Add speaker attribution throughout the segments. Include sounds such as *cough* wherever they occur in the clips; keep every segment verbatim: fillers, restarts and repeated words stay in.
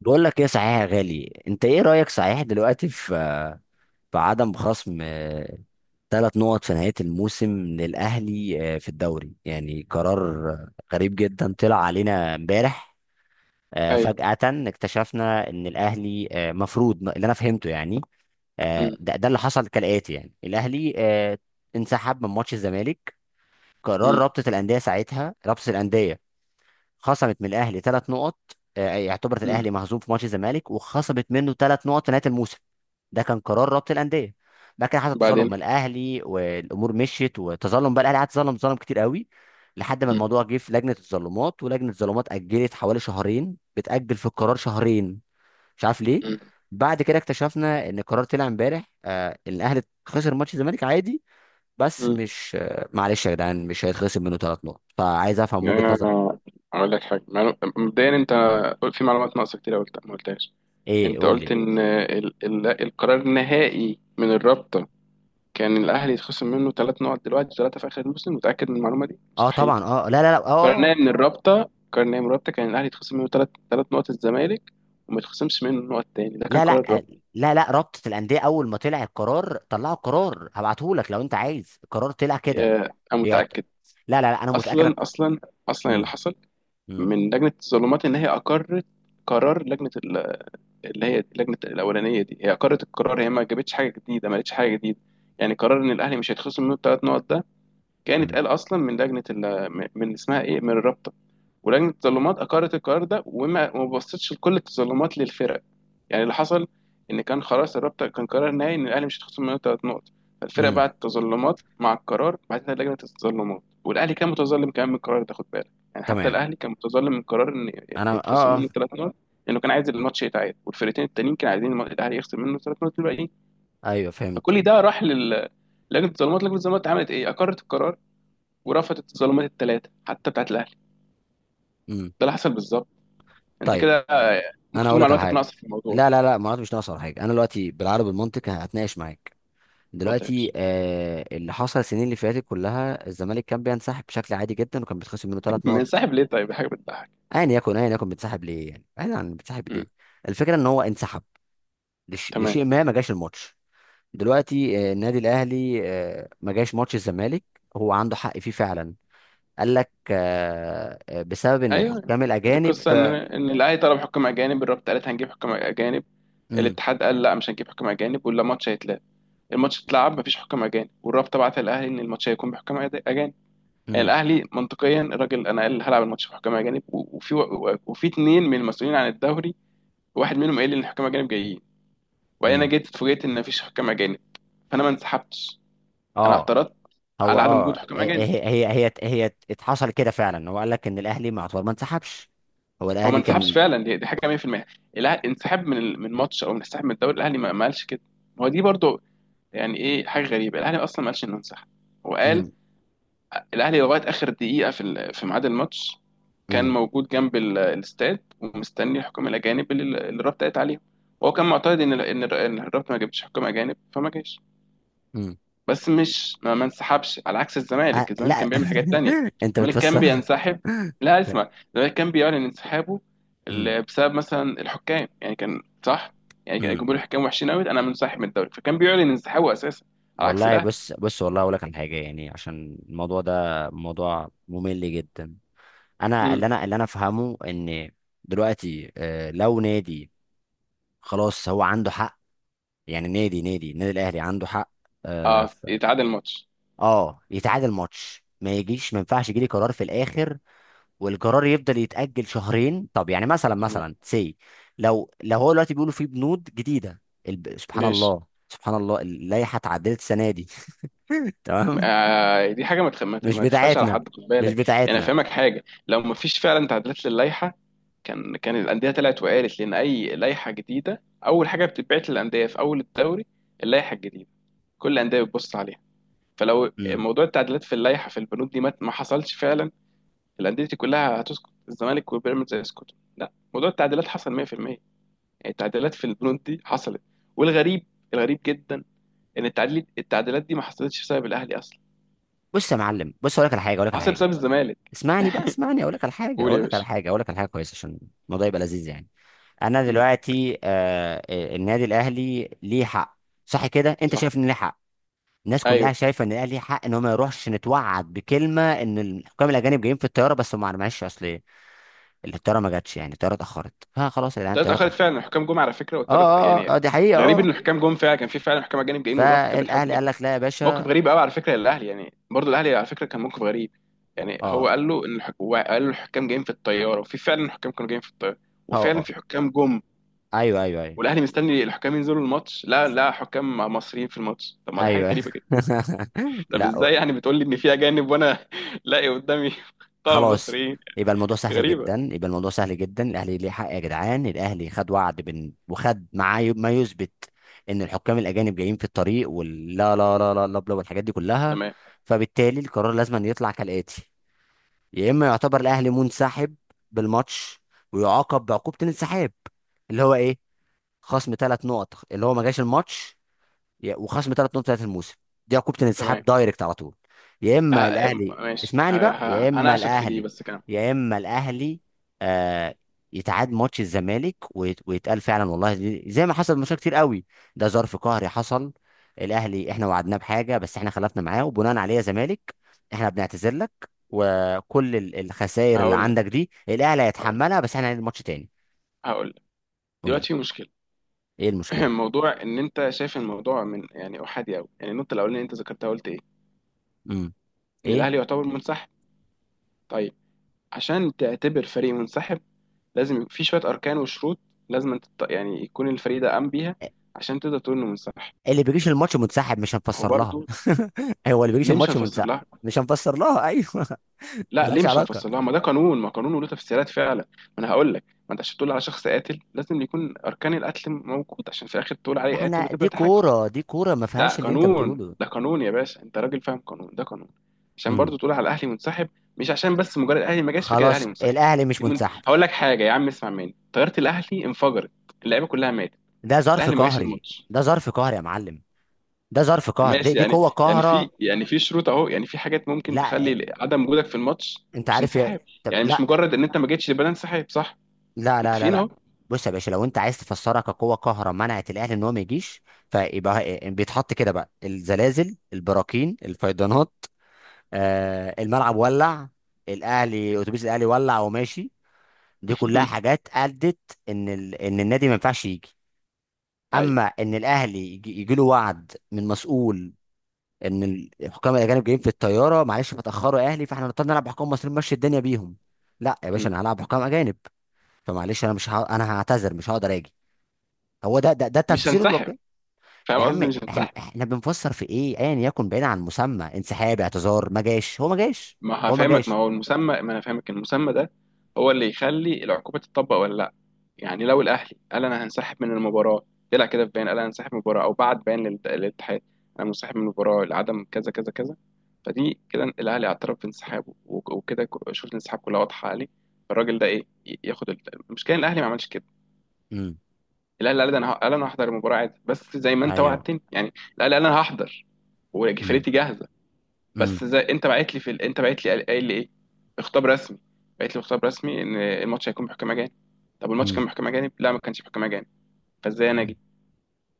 Speaker 1: بقول لك ايه صحيح يا غالي؟ انت ايه رأيك صحيح دلوقتي في في عدم خصم ثلاث نقط في نهاية الموسم للأهلي آه، في الدوري؟ يعني قرار آه، غريب جدا طلع علينا امبارح. آه،
Speaker 2: اي.
Speaker 1: فجأة اكتشفنا ان الأهلي آه، مفروض اللي انا فهمته يعني آه،
Speaker 2: مم.
Speaker 1: ده ده اللي حصل كالآتي. يعني الأهلي آه، انسحب من ماتش الزمالك، قرار
Speaker 2: مم.
Speaker 1: رابطة الأندية ساعتها. رابطة الأندية خصمت من الاهلي ثلاث نقط، آه، اعتبرت
Speaker 2: مم.
Speaker 1: الاهلي مهزوم في ماتش الزمالك وخصمت منه ثلاث نقط في نهايه الموسم. ده كان قرار رابطه الانديه. بعد كده حصل تظلم من
Speaker 2: بعدين.
Speaker 1: الاهلي والامور مشيت، وتظلم بقى الاهلي، قعد تظلم تظلم كتير قوي لحد ما
Speaker 2: مم.
Speaker 1: الموضوع جه في لجنه التظلمات، ولجنه التظلمات اجلت حوالي شهرين، بتاجل في القرار شهرين مش عارف ليه.
Speaker 2: مم.
Speaker 1: بعد كده اكتشفنا ان القرار طلع امبارح، آه إن الاهلي خسر ماتش الزمالك عادي، بس
Speaker 2: مم.
Speaker 1: مش آه معلش يا جدعان، مش هيتخصم منه ثلاث نقط. فعايز افهم وجهه نظرك
Speaker 2: آه، اقول لك حاجه معلو- مبدئيا انت قلت- في معلومات ناقصه كتير، قلت ما قلتهاش.
Speaker 1: ايه،
Speaker 2: انت
Speaker 1: قول
Speaker 2: قلت
Speaker 1: لي.
Speaker 2: ان ال... ال... القرار النهائي من الرابطه كان الاهلي يتخصم منه ثلاث نقط دلوقتي، ثلاثه في اخر الموسم. متاكد من المعلومه دي؟
Speaker 1: اه
Speaker 2: مستحيل.
Speaker 1: طبعا، اه، لا لا لا،
Speaker 2: القرار
Speaker 1: اه اه،
Speaker 2: النهائي من الرابطه القرار النهائي من الرابطه كان الاهلي يتخصم منه ثلاث ثلاث نقط الزمالك، وما يتخصمش منه نقط تاني. ده كان
Speaker 1: لا
Speaker 2: قرار
Speaker 1: لا.
Speaker 2: الرابطه.
Speaker 1: لا لا رابطة الأندية أول ما طلع القرار، طلعوا القرار، هبعتهولك لو أنت عايز، القرار طلع كده.
Speaker 2: آه، انا
Speaker 1: يعت...
Speaker 2: متاكد.
Speaker 1: لا لا لا، أنا متأكد.
Speaker 2: اصلا اصلا اصلا اللي
Speaker 1: امم
Speaker 2: حصل
Speaker 1: امم
Speaker 2: من لجنة التظلمات إن هي أقرت قرار لجنة ال- اللي هي لجنة الأولانية دي. هي أقرت القرار، هي ما جابتش حاجة جديدة، ما قالتش حاجة جديدة. يعني قرار إن الأهلي مش هيتخصم منه الثلاث نقط ده كان
Speaker 1: امم
Speaker 2: اتقال أصلا من لجنة ال- من من اسمها إيه، من الرابطة. ولجنة التظلمات أقرت القرار ده، وما ما بصتش لكل التظلمات للفرق. يعني اللي حصل ان كان خلاص، الرابطه كان قرار نهائي ان الاهلي مش هيتخصم منه ثلاث نقط، فالفرقه
Speaker 1: امم
Speaker 2: بعت تظلمات مع القرار، بعتها لجنه التظلمات. والاهلي كان متظلم كمان من القرار ده، خد بالك، يعني حتى
Speaker 1: تمام.
Speaker 2: الاهلي كان متظلم من قرار ان
Speaker 1: أنا،
Speaker 2: ان يتخصم
Speaker 1: اه
Speaker 2: منه
Speaker 1: اه
Speaker 2: ثلاث نقط، لانه كان عايز الماتش يتعاد. والفرقتين التانيين كانوا عايزين الم- الاهلي يخصم منه ثلاث نقط الباقيين.
Speaker 1: أيوه فهمت.
Speaker 2: فكل ده راح لل لجنه التظلمات. لجنه التظلمات عملت ايه؟ اقرت القرار ورفضت التظلمات الثلاثه حتى بتاعت الاهلي.
Speaker 1: امم.
Speaker 2: ده اللي حصل بالظبط. انت
Speaker 1: طيب،
Speaker 2: كده
Speaker 1: أنا
Speaker 2: ممكن
Speaker 1: أقول
Speaker 2: تكون
Speaker 1: لك على
Speaker 2: معلوماتك
Speaker 1: حاجة.
Speaker 2: ناقصه في الموضوع.
Speaker 1: لا لا لا، ما مش ناقص على حاجة. أنا دلوقتي بالعربي المنطق هتناقش معاك.
Speaker 2: اتفضل يا باشا.
Speaker 1: دلوقتي آه، اللي حصل السنين اللي فاتت كلها الزمالك كان بينسحب بشكل عادي جدا، وكان بيتخصم منه ثلاث
Speaker 2: *laughs*
Speaker 1: نقط.
Speaker 2: منسحب ليه؟ طيب حاجه بتضحك.
Speaker 1: ايا يكن ايا يكن بتسحب ليه؟ يعني بعيدا عن بتسحب ليه، الفكره ان هو انسحب لش...
Speaker 2: تمام.
Speaker 1: لشيء ما، ما جاش الماتش. دلوقتي آه، النادي الاهلي آه، ما جاش ماتش الزمالك، هو عنده حق فيه فعلا. قال لك آه، آه، بسبب ان
Speaker 2: ايوه،
Speaker 1: الحكام
Speaker 2: كانت
Speaker 1: الاجانب
Speaker 2: القصه ان
Speaker 1: آه،
Speaker 2: ان الاهلي طلب حكام اجانب. الرابطه قالت هنجيب حكام اجانب،
Speaker 1: امم
Speaker 2: الاتحاد قال لا، مش هنجيب حكام اجانب ولا ماتش هيتلعب. الماتش اتلعب مفيش حكام اجانب، والرابطه بعت الاهلي ان الماتش هيكون بحكام أد- اجانب. يعني
Speaker 1: امم
Speaker 2: الاهلي منطقيا الراجل انا قال هلعب الماتش بحكام اجانب، و- وفي و- وفي اتنين من المسؤولين عن الدوري واحد منهم قال لي ان الحكام اجانب جايين، وبعدين انا
Speaker 1: امم
Speaker 2: جيت اتفاجئت ان مفيش حكام اجانب. فانا ما انسحبتش، انا
Speaker 1: اه،
Speaker 2: اعترضت
Speaker 1: هو
Speaker 2: على عدم
Speaker 1: اه آه،
Speaker 2: وجود حكام اجانب.
Speaker 1: هي هي هي هي اتحصل كده فعلا. هو قال لك ان الاهلي مع طول ما انسحبش. هو
Speaker 2: هو ما
Speaker 1: الاهلي
Speaker 2: انسحبش
Speaker 1: كان
Speaker 2: فعلا، دي, دي حاجه مية في المية. الاهلي انسحب من ال- من ماتش او انسحب من الدوري؟ الاهلي ما ما قالش كده. ما هو دي برضو يعني ايه، حاجه غريبه. الاهلي اصلا ما قالش انه انسحب، هو قال
Speaker 1: امم
Speaker 2: الاهلي لغايه اخر دقيقه في ال- في ميعاد الماتش كان
Speaker 1: امم
Speaker 2: موجود جنب ال- الاستاد، ومستني حكام الاجانب اللي اللي الرابطه قالت عليهم. وهو كان معتقد ان ال- ان ال- إن الرابطه ما جابتش حكام اجانب، فما جاش.
Speaker 1: امم
Speaker 2: بس مش ما, ما انسحبش، على عكس
Speaker 1: آه
Speaker 2: الزمالك. الزمالك كان
Speaker 1: لا.
Speaker 2: بيعمل حاجات تانية.
Speaker 1: *laughs* انت
Speaker 2: الزمالك كان
Speaker 1: بتفسر.
Speaker 2: بينسحب.
Speaker 1: *laughs*
Speaker 2: لا، اسمع، الزمالك كان بيعلن انسحابه
Speaker 1: امم
Speaker 2: ال- بسبب مثلا الحكام، يعني كان صح. يعني كان جمهور
Speaker 1: امم
Speaker 2: الحكام وحشين قوي، انا منسحب من الدوري، فكان بيعلن انسحابه اساسا، على عكس
Speaker 1: والله
Speaker 2: الاهلي.
Speaker 1: بص بص، والله اقول لك على حاجه، يعني عشان الموضوع ده موضوع ممل جدا. انا اللي
Speaker 2: امم.
Speaker 1: انا اللي انا افهمه ان دلوقتي آه، لو نادي، خلاص هو عنده حق، يعني نادي نادي النادي الاهلي عنده حق. اه
Speaker 2: اه،
Speaker 1: ف-
Speaker 2: يتعادل الماتش.
Speaker 1: آه، يتعادل ماتش، ما يجيش، ما ينفعش يجي لي قرار في الاخر، والقرار يفضل يتاجل شهرين. طب يعني مثلا
Speaker 2: تمام.
Speaker 1: مثلا سي، لو لو هو دلوقتي بيقولوا في بنود جديده. الب... سبحان
Speaker 2: ماشي.
Speaker 1: الله سبحان الله اللائحه اتعدلت السنه دي. *laughs* تمام.
Speaker 2: آه، دي حاجه ما تخ... ما ت-
Speaker 1: مش
Speaker 2: ما تخفاش على
Speaker 1: بتاعتنا.
Speaker 2: حد، خد
Speaker 1: مش
Speaker 2: بالك. يعني
Speaker 1: بتاعتنا.
Speaker 2: افهمك حاجه، لو ما فيش فعلا تعديلات للائحه، كان كان الانديه طلعت وقالت، لان اي لائحه جديده اول حاجه بتتبعت للانديه في اول الدوري، اللائحه الجديده كل الانديه بتبص عليها. فلو
Speaker 1: امم.
Speaker 2: موضوع التعديلات في اللائحه في البنود دي ما ما حصلش فعلا، الانديه دي كلها هتسكت، الزمالك وبيراميدز هيسكتوا. لا، موضوع التعديلات حصل مئة في المئة يعني، التعديلات في البنود دي حصلت. والغريب، الغريب جدا، ان التعديل التعديلات دي ما حصلتش بسبب الاهلي اصلا،
Speaker 1: بص يا معلم، بص اقول لك على حاجه، اقول لك على
Speaker 2: حصلت
Speaker 1: حاجه
Speaker 2: بسبب الزمالك.
Speaker 1: اسمعني بقى،
Speaker 2: *laughs*
Speaker 1: اسمعني، اقول لك على حاجه
Speaker 2: قول يا
Speaker 1: اقول لك على
Speaker 2: باشا.
Speaker 1: حاجه اقول لك على حاجه كويسه عشان الموضوع يبقى لذيذ يعني. انا
Speaker 2: مم.
Speaker 1: دلوقتي آه آه، النادي الاهلي ليه حق، صح كده؟ انت
Speaker 2: صح.
Speaker 1: شايف ان ليه حق، الناس كلها
Speaker 2: ايوه،
Speaker 1: شايفه ان الاهلي ليه حق. ان هو ما يروحش، نتوعد بكلمه ان الحكام الاجانب جايين في الطياره، بس هم معلش اصل إيه؟ الطياره ما جاتش، يعني الطياره اتاخرت، فخلاص يا جدعان،
Speaker 2: الطياره
Speaker 1: الطياره
Speaker 2: اتاخرت
Speaker 1: اتاخرت.
Speaker 2: فعلا، الحكام جم على فكره،
Speaker 1: اه
Speaker 2: والطياره
Speaker 1: اه اه آه،
Speaker 2: يعني.
Speaker 1: دي حقيقه،
Speaker 2: الغريب
Speaker 1: اه.
Speaker 2: ان الحكام جم فعلا، كان في فعلا حكام اجانب جايين والرابطه كانت بتحاول
Speaker 1: فالاهلي
Speaker 2: تيجي.
Speaker 1: قال لك لا يا
Speaker 2: موقف
Speaker 1: باشا.
Speaker 2: غريب قوي على فكره للاهلي، يعني برضه الاهلي على فكره كان موقف غريب. يعني هو
Speaker 1: اه
Speaker 2: قال له ان الح... هو قال له الحكام جايين في الطياره، وفي فعلا حكام كانوا جايين في الطياره،
Speaker 1: اه
Speaker 2: وفعلا
Speaker 1: آه.
Speaker 2: في حكام جم.
Speaker 1: ايوه ايوه ايوه
Speaker 2: والاهلي مستني الحكام ينزلوا الماتش، لا لا حكام مصريين في الماتش. طب ما ده حاجه
Speaker 1: ايوه
Speaker 2: غريبه جدا.
Speaker 1: *laughs*
Speaker 2: طب
Speaker 1: لا.
Speaker 2: ازاي يعني، بتقول لي ان في اجانب وانا *laughs* لاقي قدامي طبعا
Speaker 1: خلاص،
Speaker 2: مصريين؟
Speaker 1: يبقى الموضوع سهل
Speaker 2: غريبه.
Speaker 1: جدا، يبقى الموضوع سهل جدا. الاهلي ليه حق يا جدعان، الاهلي خد وعد بن... وخد معاه ي- ما يثبت ان الحكام الاجانب جايين في الطريق، واللا لا لا لا لا بلا والحاجات دي كلها.
Speaker 2: تمام،
Speaker 1: فبالتالي القرار لازم أن يطلع كالاتي: يا اما يعتبر الاهلي منسحب بالماتش ويعاقب بعقوبه الانسحاب، اللي هو ايه؟ خصم ثلاث نقط، اللي هو ما جاش الماتش، يا- وخصم ثلاث نقط بتاعت الموسم، دي عقوبة الانسحاب
Speaker 2: تمام.
Speaker 1: دايركت على طول. يا
Speaker 2: ه...
Speaker 1: اما الاهلي،
Speaker 2: ماشي.
Speaker 1: اسمعني
Speaker 2: ه...
Speaker 1: بقى، يا
Speaker 2: ه...
Speaker 1: اما
Speaker 2: هناقشك في دي
Speaker 1: الاهلي
Speaker 2: بس كمان.
Speaker 1: يا اما الاهلي آه، يتعاد ماتش الزمالك ويت- ويتقال فعلا والله، دي- زي ما حصل ماتشات كتير قوي، ده ظرف قهري حصل، الاهلي احنا وعدناه بحاجه، بس احنا خلفنا معاه، وبناء عليه يا زمالك احنا بنعتذر لك، وكل ال- الخسائر اللي
Speaker 2: هقول لك،
Speaker 1: عندك دي الاهلي
Speaker 2: هقول
Speaker 1: هيتحملها، بس احنا هنعيد الماتش تاني.
Speaker 2: هقول
Speaker 1: قول لي.
Speaker 2: دلوقتي في مشكله.
Speaker 1: ايه المشكله؟
Speaker 2: *clears throat* موضوع ان انت شايف الموضوع من يعني احادي قوي. يعني النقطه الاولانيه اللي انت ذكرتها، قلت ايه؟
Speaker 1: امم.
Speaker 2: ان
Speaker 1: ايه؟
Speaker 2: الاهلي يعتبر منسحب. طيب، عشان تعتبر فريق منسحب لازم يبقى في شويه اركان وشروط، لازم انت تط... يعني يكون الفريق ده قام بيها عشان تقدر تقول انه منسحب.
Speaker 1: اللي بيجيش الماتش منسحب، مش
Speaker 2: هو
Speaker 1: هنفسر لها.
Speaker 2: برضه.
Speaker 1: *laughs* هو اللي بيجيش
Speaker 2: ليه مش
Speaker 1: الماتش
Speaker 2: هنفسر
Speaker 1: منسحب،
Speaker 2: لها؟
Speaker 1: مش هنفسر لها، ايوه. *laughs*
Speaker 2: لا، ليه
Speaker 1: ملهاش
Speaker 2: مش
Speaker 1: علاقه،
Speaker 2: هنفسر لها، ما ده قانون، ما قانون له تفسيرات فعلا. ما انا هقول لك، ما انت عشان تقول على شخص قاتل لازم يكون اركان القتل موجود عشان في الاخر تقول عليه قاتل
Speaker 1: احنا دي
Speaker 2: وتبقى تحكم.
Speaker 1: كوره، دي كوره ما
Speaker 2: لا،
Speaker 1: فيهاش اللي انت
Speaker 2: قانون
Speaker 1: بتقوله.
Speaker 2: ده قانون يا باشا، انت راجل فاهم. قانون ده قانون، عشان
Speaker 1: امم.
Speaker 2: برضو تقول على الاهلي منسحب، مش عشان بس مجرد الاهلي ما جاش فكده الاهلي
Speaker 1: خلاص
Speaker 2: منسحب.
Speaker 1: الاهلي مش
Speaker 2: دي من...
Speaker 1: منسحب،
Speaker 2: هقول لك حاجه يا عم، اسمع مني، طياره الاهلي انفجرت، اللعيبه كلها ماتت،
Speaker 1: ده ظرف
Speaker 2: الاهلي ما جاش
Speaker 1: قهري،
Speaker 2: الماتش.
Speaker 1: ده ظرف قهري يا معلم، ده ظرف قهر، دي
Speaker 2: ماشي
Speaker 1: دي
Speaker 2: يعني
Speaker 1: قوه
Speaker 2: يعني في
Speaker 1: قاهره.
Speaker 2: يعني في شروط اهو، يعني في حاجات ممكن
Speaker 1: لا إيه،
Speaker 2: تخلي عدم وجودك في الماتش
Speaker 1: انت
Speaker 2: مش
Speaker 1: عارف يا،
Speaker 2: انسحاب.
Speaker 1: طب
Speaker 2: يعني مش
Speaker 1: لا
Speaker 2: مجرد ان انت ما جيتش يبقى ده انسحاب، صح؟
Speaker 1: لا لا لا
Speaker 2: متفقين
Speaker 1: لا.
Speaker 2: اهو.
Speaker 1: بص يا باشا، لو انت عايز تفسرها كقوه قاهره منعت الاهلي ان هو ما يجيش، فيبقى إيه، بيتحط كده بقى الزلازل، البراكين، الفيضانات، آه الملعب ولع، الاهلي اتوبيس الاهلي ولع وماشي، دي كلها
Speaker 2: *laughs*
Speaker 1: حاجات ادت ان ال... ان النادي ما ينفعش يجي.
Speaker 2: ايوه.
Speaker 1: اما ان الاهلي يجي، يجي له وعد من مسؤول ان الحكام الاجانب جايين في الطياره، معلش فتاخروا يا اهلي، فاحنا نضطر نلعب بحكام مصريين، مشي الدنيا بيهم. لا يا باشا،
Speaker 2: مم.
Speaker 1: انا هلعب بحكام اجانب، فمعلش انا مش ه... انا هعتذر، مش هقدر اجي. هو ده ده ده
Speaker 2: مش
Speaker 1: التفسير
Speaker 2: هنسحب،
Speaker 1: الواقعي.
Speaker 2: فاهم
Speaker 1: يا
Speaker 2: قصدي،
Speaker 1: عم
Speaker 2: مش
Speaker 1: احنا،
Speaker 2: هنسحب.
Speaker 1: احنا بنفسر في ايه؟ ايا يكن، بعيد عن المسمى انسحاب اعتذار ما جاش، هو ما جاش،
Speaker 2: ما
Speaker 1: هو ما
Speaker 2: هفهمك، ما
Speaker 1: جاش.
Speaker 2: هو المسمى، ما انا فاهمك. المسمى ده هو اللي يخلي العقوبه تطبق ولا لا؟ يعني لو الاهلي قال انا هنسحب من المباراه، طلع كده في بيان قال انا هنسحب من المباراه، او بعت بيان للت- للاتحاد انا منسحب من المباراه لعدم كذا كذا كذا، فدي كده الاهلي اعترف بانسحابه وك- وكده ك- شروط الانسحاب كلها واضحه عليه، فالراجل ده ايه ي- ياخد ال- المشكله إن الاهلي ما عملش كده.
Speaker 1: امم.
Speaker 2: الاهلي قال ده انا ه- قال انا هحضر المباراه عادي، بس زي ما انت
Speaker 1: ايوه.
Speaker 2: وعدتني. يعني الاهلي قال انا هحضر
Speaker 1: مم.
Speaker 2: وفرقتي جاهزه،
Speaker 1: مم.
Speaker 2: بس زي انت باعت لي في ال... انت باعت لي، قال قايل لي ايه؟ خطاب رسمي. باعت لي خطاب رسمي ان الماتش هيكون بحكام اجانب. طب الماتش
Speaker 1: مم.
Speaker 2: كان بحكام اجانب؟ لا، ما كانش بحكام اجانب. فازاي انا اجي؟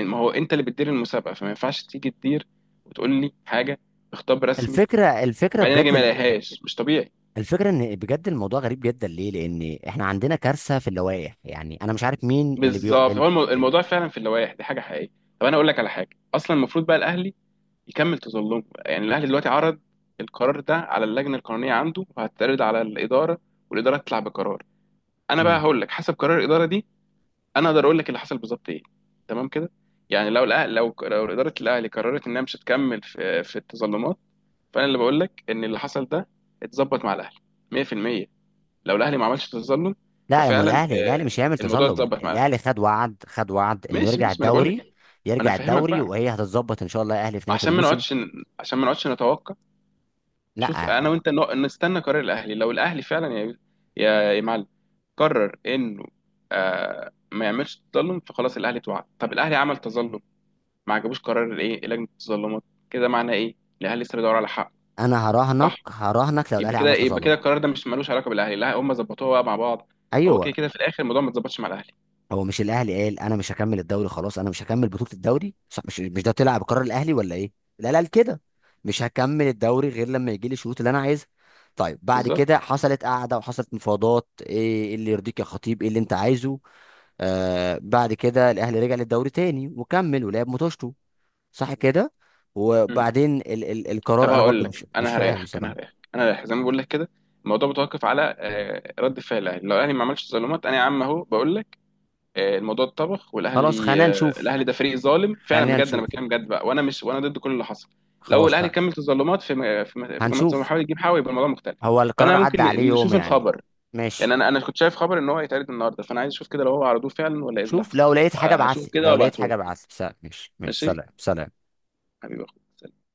Speaker 2: إن- ما هو انت اللي بتدير المسابقه، فما ينفعش تيجي تدير وتقول لي حاجه بخطاب رسمي،
Speaker 1: الفكرة الفكرة
Speaker 2: وبعدين اجي
Speaker 1: بجد
Speaker 2: ما
Speaker 1: ال-
Speaker 2: الاقيهاش. مش طبيعي.
Speaker 1: الفكرة ان بجد الموضوع غريب جدا. ليه؟ لان احنا عندنا كارثة في اللوائح، يعني انا مش عارف مين اللي بيو...
Speaker 2: بالظبط،
Speaker 1: ال...
Speaker 2: هو المو-
Speaker 1: ال...
Speaker 2: الموضوع فعلا، في اللوائح دي حاجه حقيقيه. طب انا اقول لك على حاجه، اصلا المفروض بقى الاهلي يكمل تظلمه. يعني الاهلي دلوقتي عرض القرار ده على اللجنه القانونيه عنده، وهتعرض على الاداره، والاداره تطلع بقرار. انا بقى
Speaker 1: مم.
Speaker 2: هقول لك حسب قرار الاداره دي، انا اقدر اقول لك اللي حصل بالظبط ايه. تمام كده. يعني لو الاهلي لو لو اداره الاهلي قررت انها مش هتكمل في في التظلمات، فانا اللي بقول لك ان اللي حصل ده اتظبط مع الاهلي مية في المية، لو الاهلي ما عملش تظلم.
Speaker 1: لا يا أم
Speaker 2: ففعلا
Speaker 1: الاهلي، الاهلي
Speaker 2: آه،
Speaker 1: مش هيعمل
Speaker 2: الموضوع
Speaker 1: تظلم،
Speaker 2: اتظبط مع الاهلي.
Speaker 1: الاهلي خد وعد، خد وعد انه
Speaker 2: ماشي،
Speaker 1: يرجع
Speaker 2: ماشي، ما انا بقول لك
Speaker 1: الدوري.
Speaker 2: إيه. ما انا
Speaker 1: يرجع
Speaker 2: افهمك
Speaker 1: الدوري
Speaker 2: بقى،
Speaker 1: وهي هتتظبط ان شاء الله يا اهلي في
Speaker 2: ما
Speaker 1: نهاية
Speaker 2: عشان ما
Speaker 1: الموسم.
Speaker 2: نقعدش عشان ما نقعدش نتوقع.
Speaker 1: لا،
Speaker 2: شوف انا وانت نق- نستنى قرار الاهلي. لو الاهلي فعلا يا يا يا معلم قرر انه آه، ما يعملش تظلم، فخلاص الاهلي اتوعد. طب الاهلي عمل تظلم، ما عجبوش قرار الايه لجنه التظلمات. كده معناه ايه؟ الاهلي لسه بيدور على حق.
Speaker 1: انا هراهنك،
Speaker 2: صح،
Speaker 1: هراهنك لو
Speaker 2: يبقى
Speaker 1: الاهلي
Speaker 2: كده،
Speaker 1: عمل
Speaker 2: يبقى
Speaker 1: تظلم.
Speaker 2: كده القرار ده مش ملوش علاقه بالاهلي، لا هم ظبطوها بقى مع بعض. هو
Speaker 1: ايوه.
Speaker 2: كده كده في الاخر الموضوع ما اتظبطش مع الاهلي.
Speaker 1: هو مش الاهلي قال انا مش هكمل الدوري، خلاص انا مش هكمل بطوله الدوري، صح؟ مش مش ده طلع بقرار الاهلي ولا ايه؟ لا لا كده، مش هكمل الدوري غير لما يجي لي الشروط اللي انا عايزها. طيب بعد
Speaker 2: بالظبط.
Speaker 1: كده حصلت قعده وحصلت مفاوضات، ايه إيه اللي يرضيك يا خطيب، ايه اللي انت عايزه؟ آه بعد كده الاهلي رجع للدوري تاني وكمل ولعب ماتشته، صح كده.
Speaker 2: مم.
Speaker 1: وبعدين ال ال
Speaker 2: طب
Speaker 1: القرار انا
Speaker 2: هقول
Speaker 1: برضه
Speaker 2: لك،
Speaker 1: مش مش
Speaker 2: انا
Speaker 1: فاهم
Speaker 2: هريحك انا
Speaker 1: بصراحه.
Speaker 2: هريحك انا هريحك زي ما بقول لك كده. الموضوع متوقف على آه، رد فعل الاهلي. لو الاهلي ما عملش تظلمات، انا يا عم اهو بقول لك آه، الموضوع اتطبخ،
Speaker 1: خلاص
Speaker 2: والاهلي
Speaker 1: خلينا
Speaker 2: آه،
Speaker 1: نشوف،
Speaker 2: الاهلي ده فريق ظالم فعلا
Speaker 1: خلينا
Speaker 2: بجد. انا
Speaker 1: نشوف،
Speaker 2: بتكلم بجد بقى، وانا مش وانا ضد كل اللي حصل. لو
Speaker 1: خلاص خ...
Speaker 2: الاهلي كمل تظلمات في م- في م- في جماعه التظلم،
Speaker 1: هنشوف.
Speaker 2: حاول يجيب حاوي، يبقى الموضوع مختلف.
Speaker 1: هو القرار
Speaker 2: فانا ممكن
Speaker 1: عدى عليه
Speaker 2: ن-
Speaker 1: يوم
Speaker 2: نشوف
Speaker 1: يعني.
Speaker 2: الخبر. يعني
Speaker 1: ماشي.
Speaker 2: انا انا كنت شايف خبر ان هو هيتعرض النهارده، فانا عايز اشوف كده لو هو عرضوه فعلا ولا ايه اللي
Speaker 1: شوف
Speaker 2: حصل.
Speaker 1: لو لقيت حاجة
Speaker 2: آه، هشوفه
Speaker 1: ابعتلي،
Speaker 2: كده
Speaker 1: لو لقيت
Speaker 2: وابعته
Speaker 1: حاجة
Speaker 2: لك.
Speaker 1: ابعتلي. سلام، ماشي، ماشي،
Speaker 2: ماشي.
Speaker 1: سلام، سلام.
Speaker 2: حبيبي يا اخويا.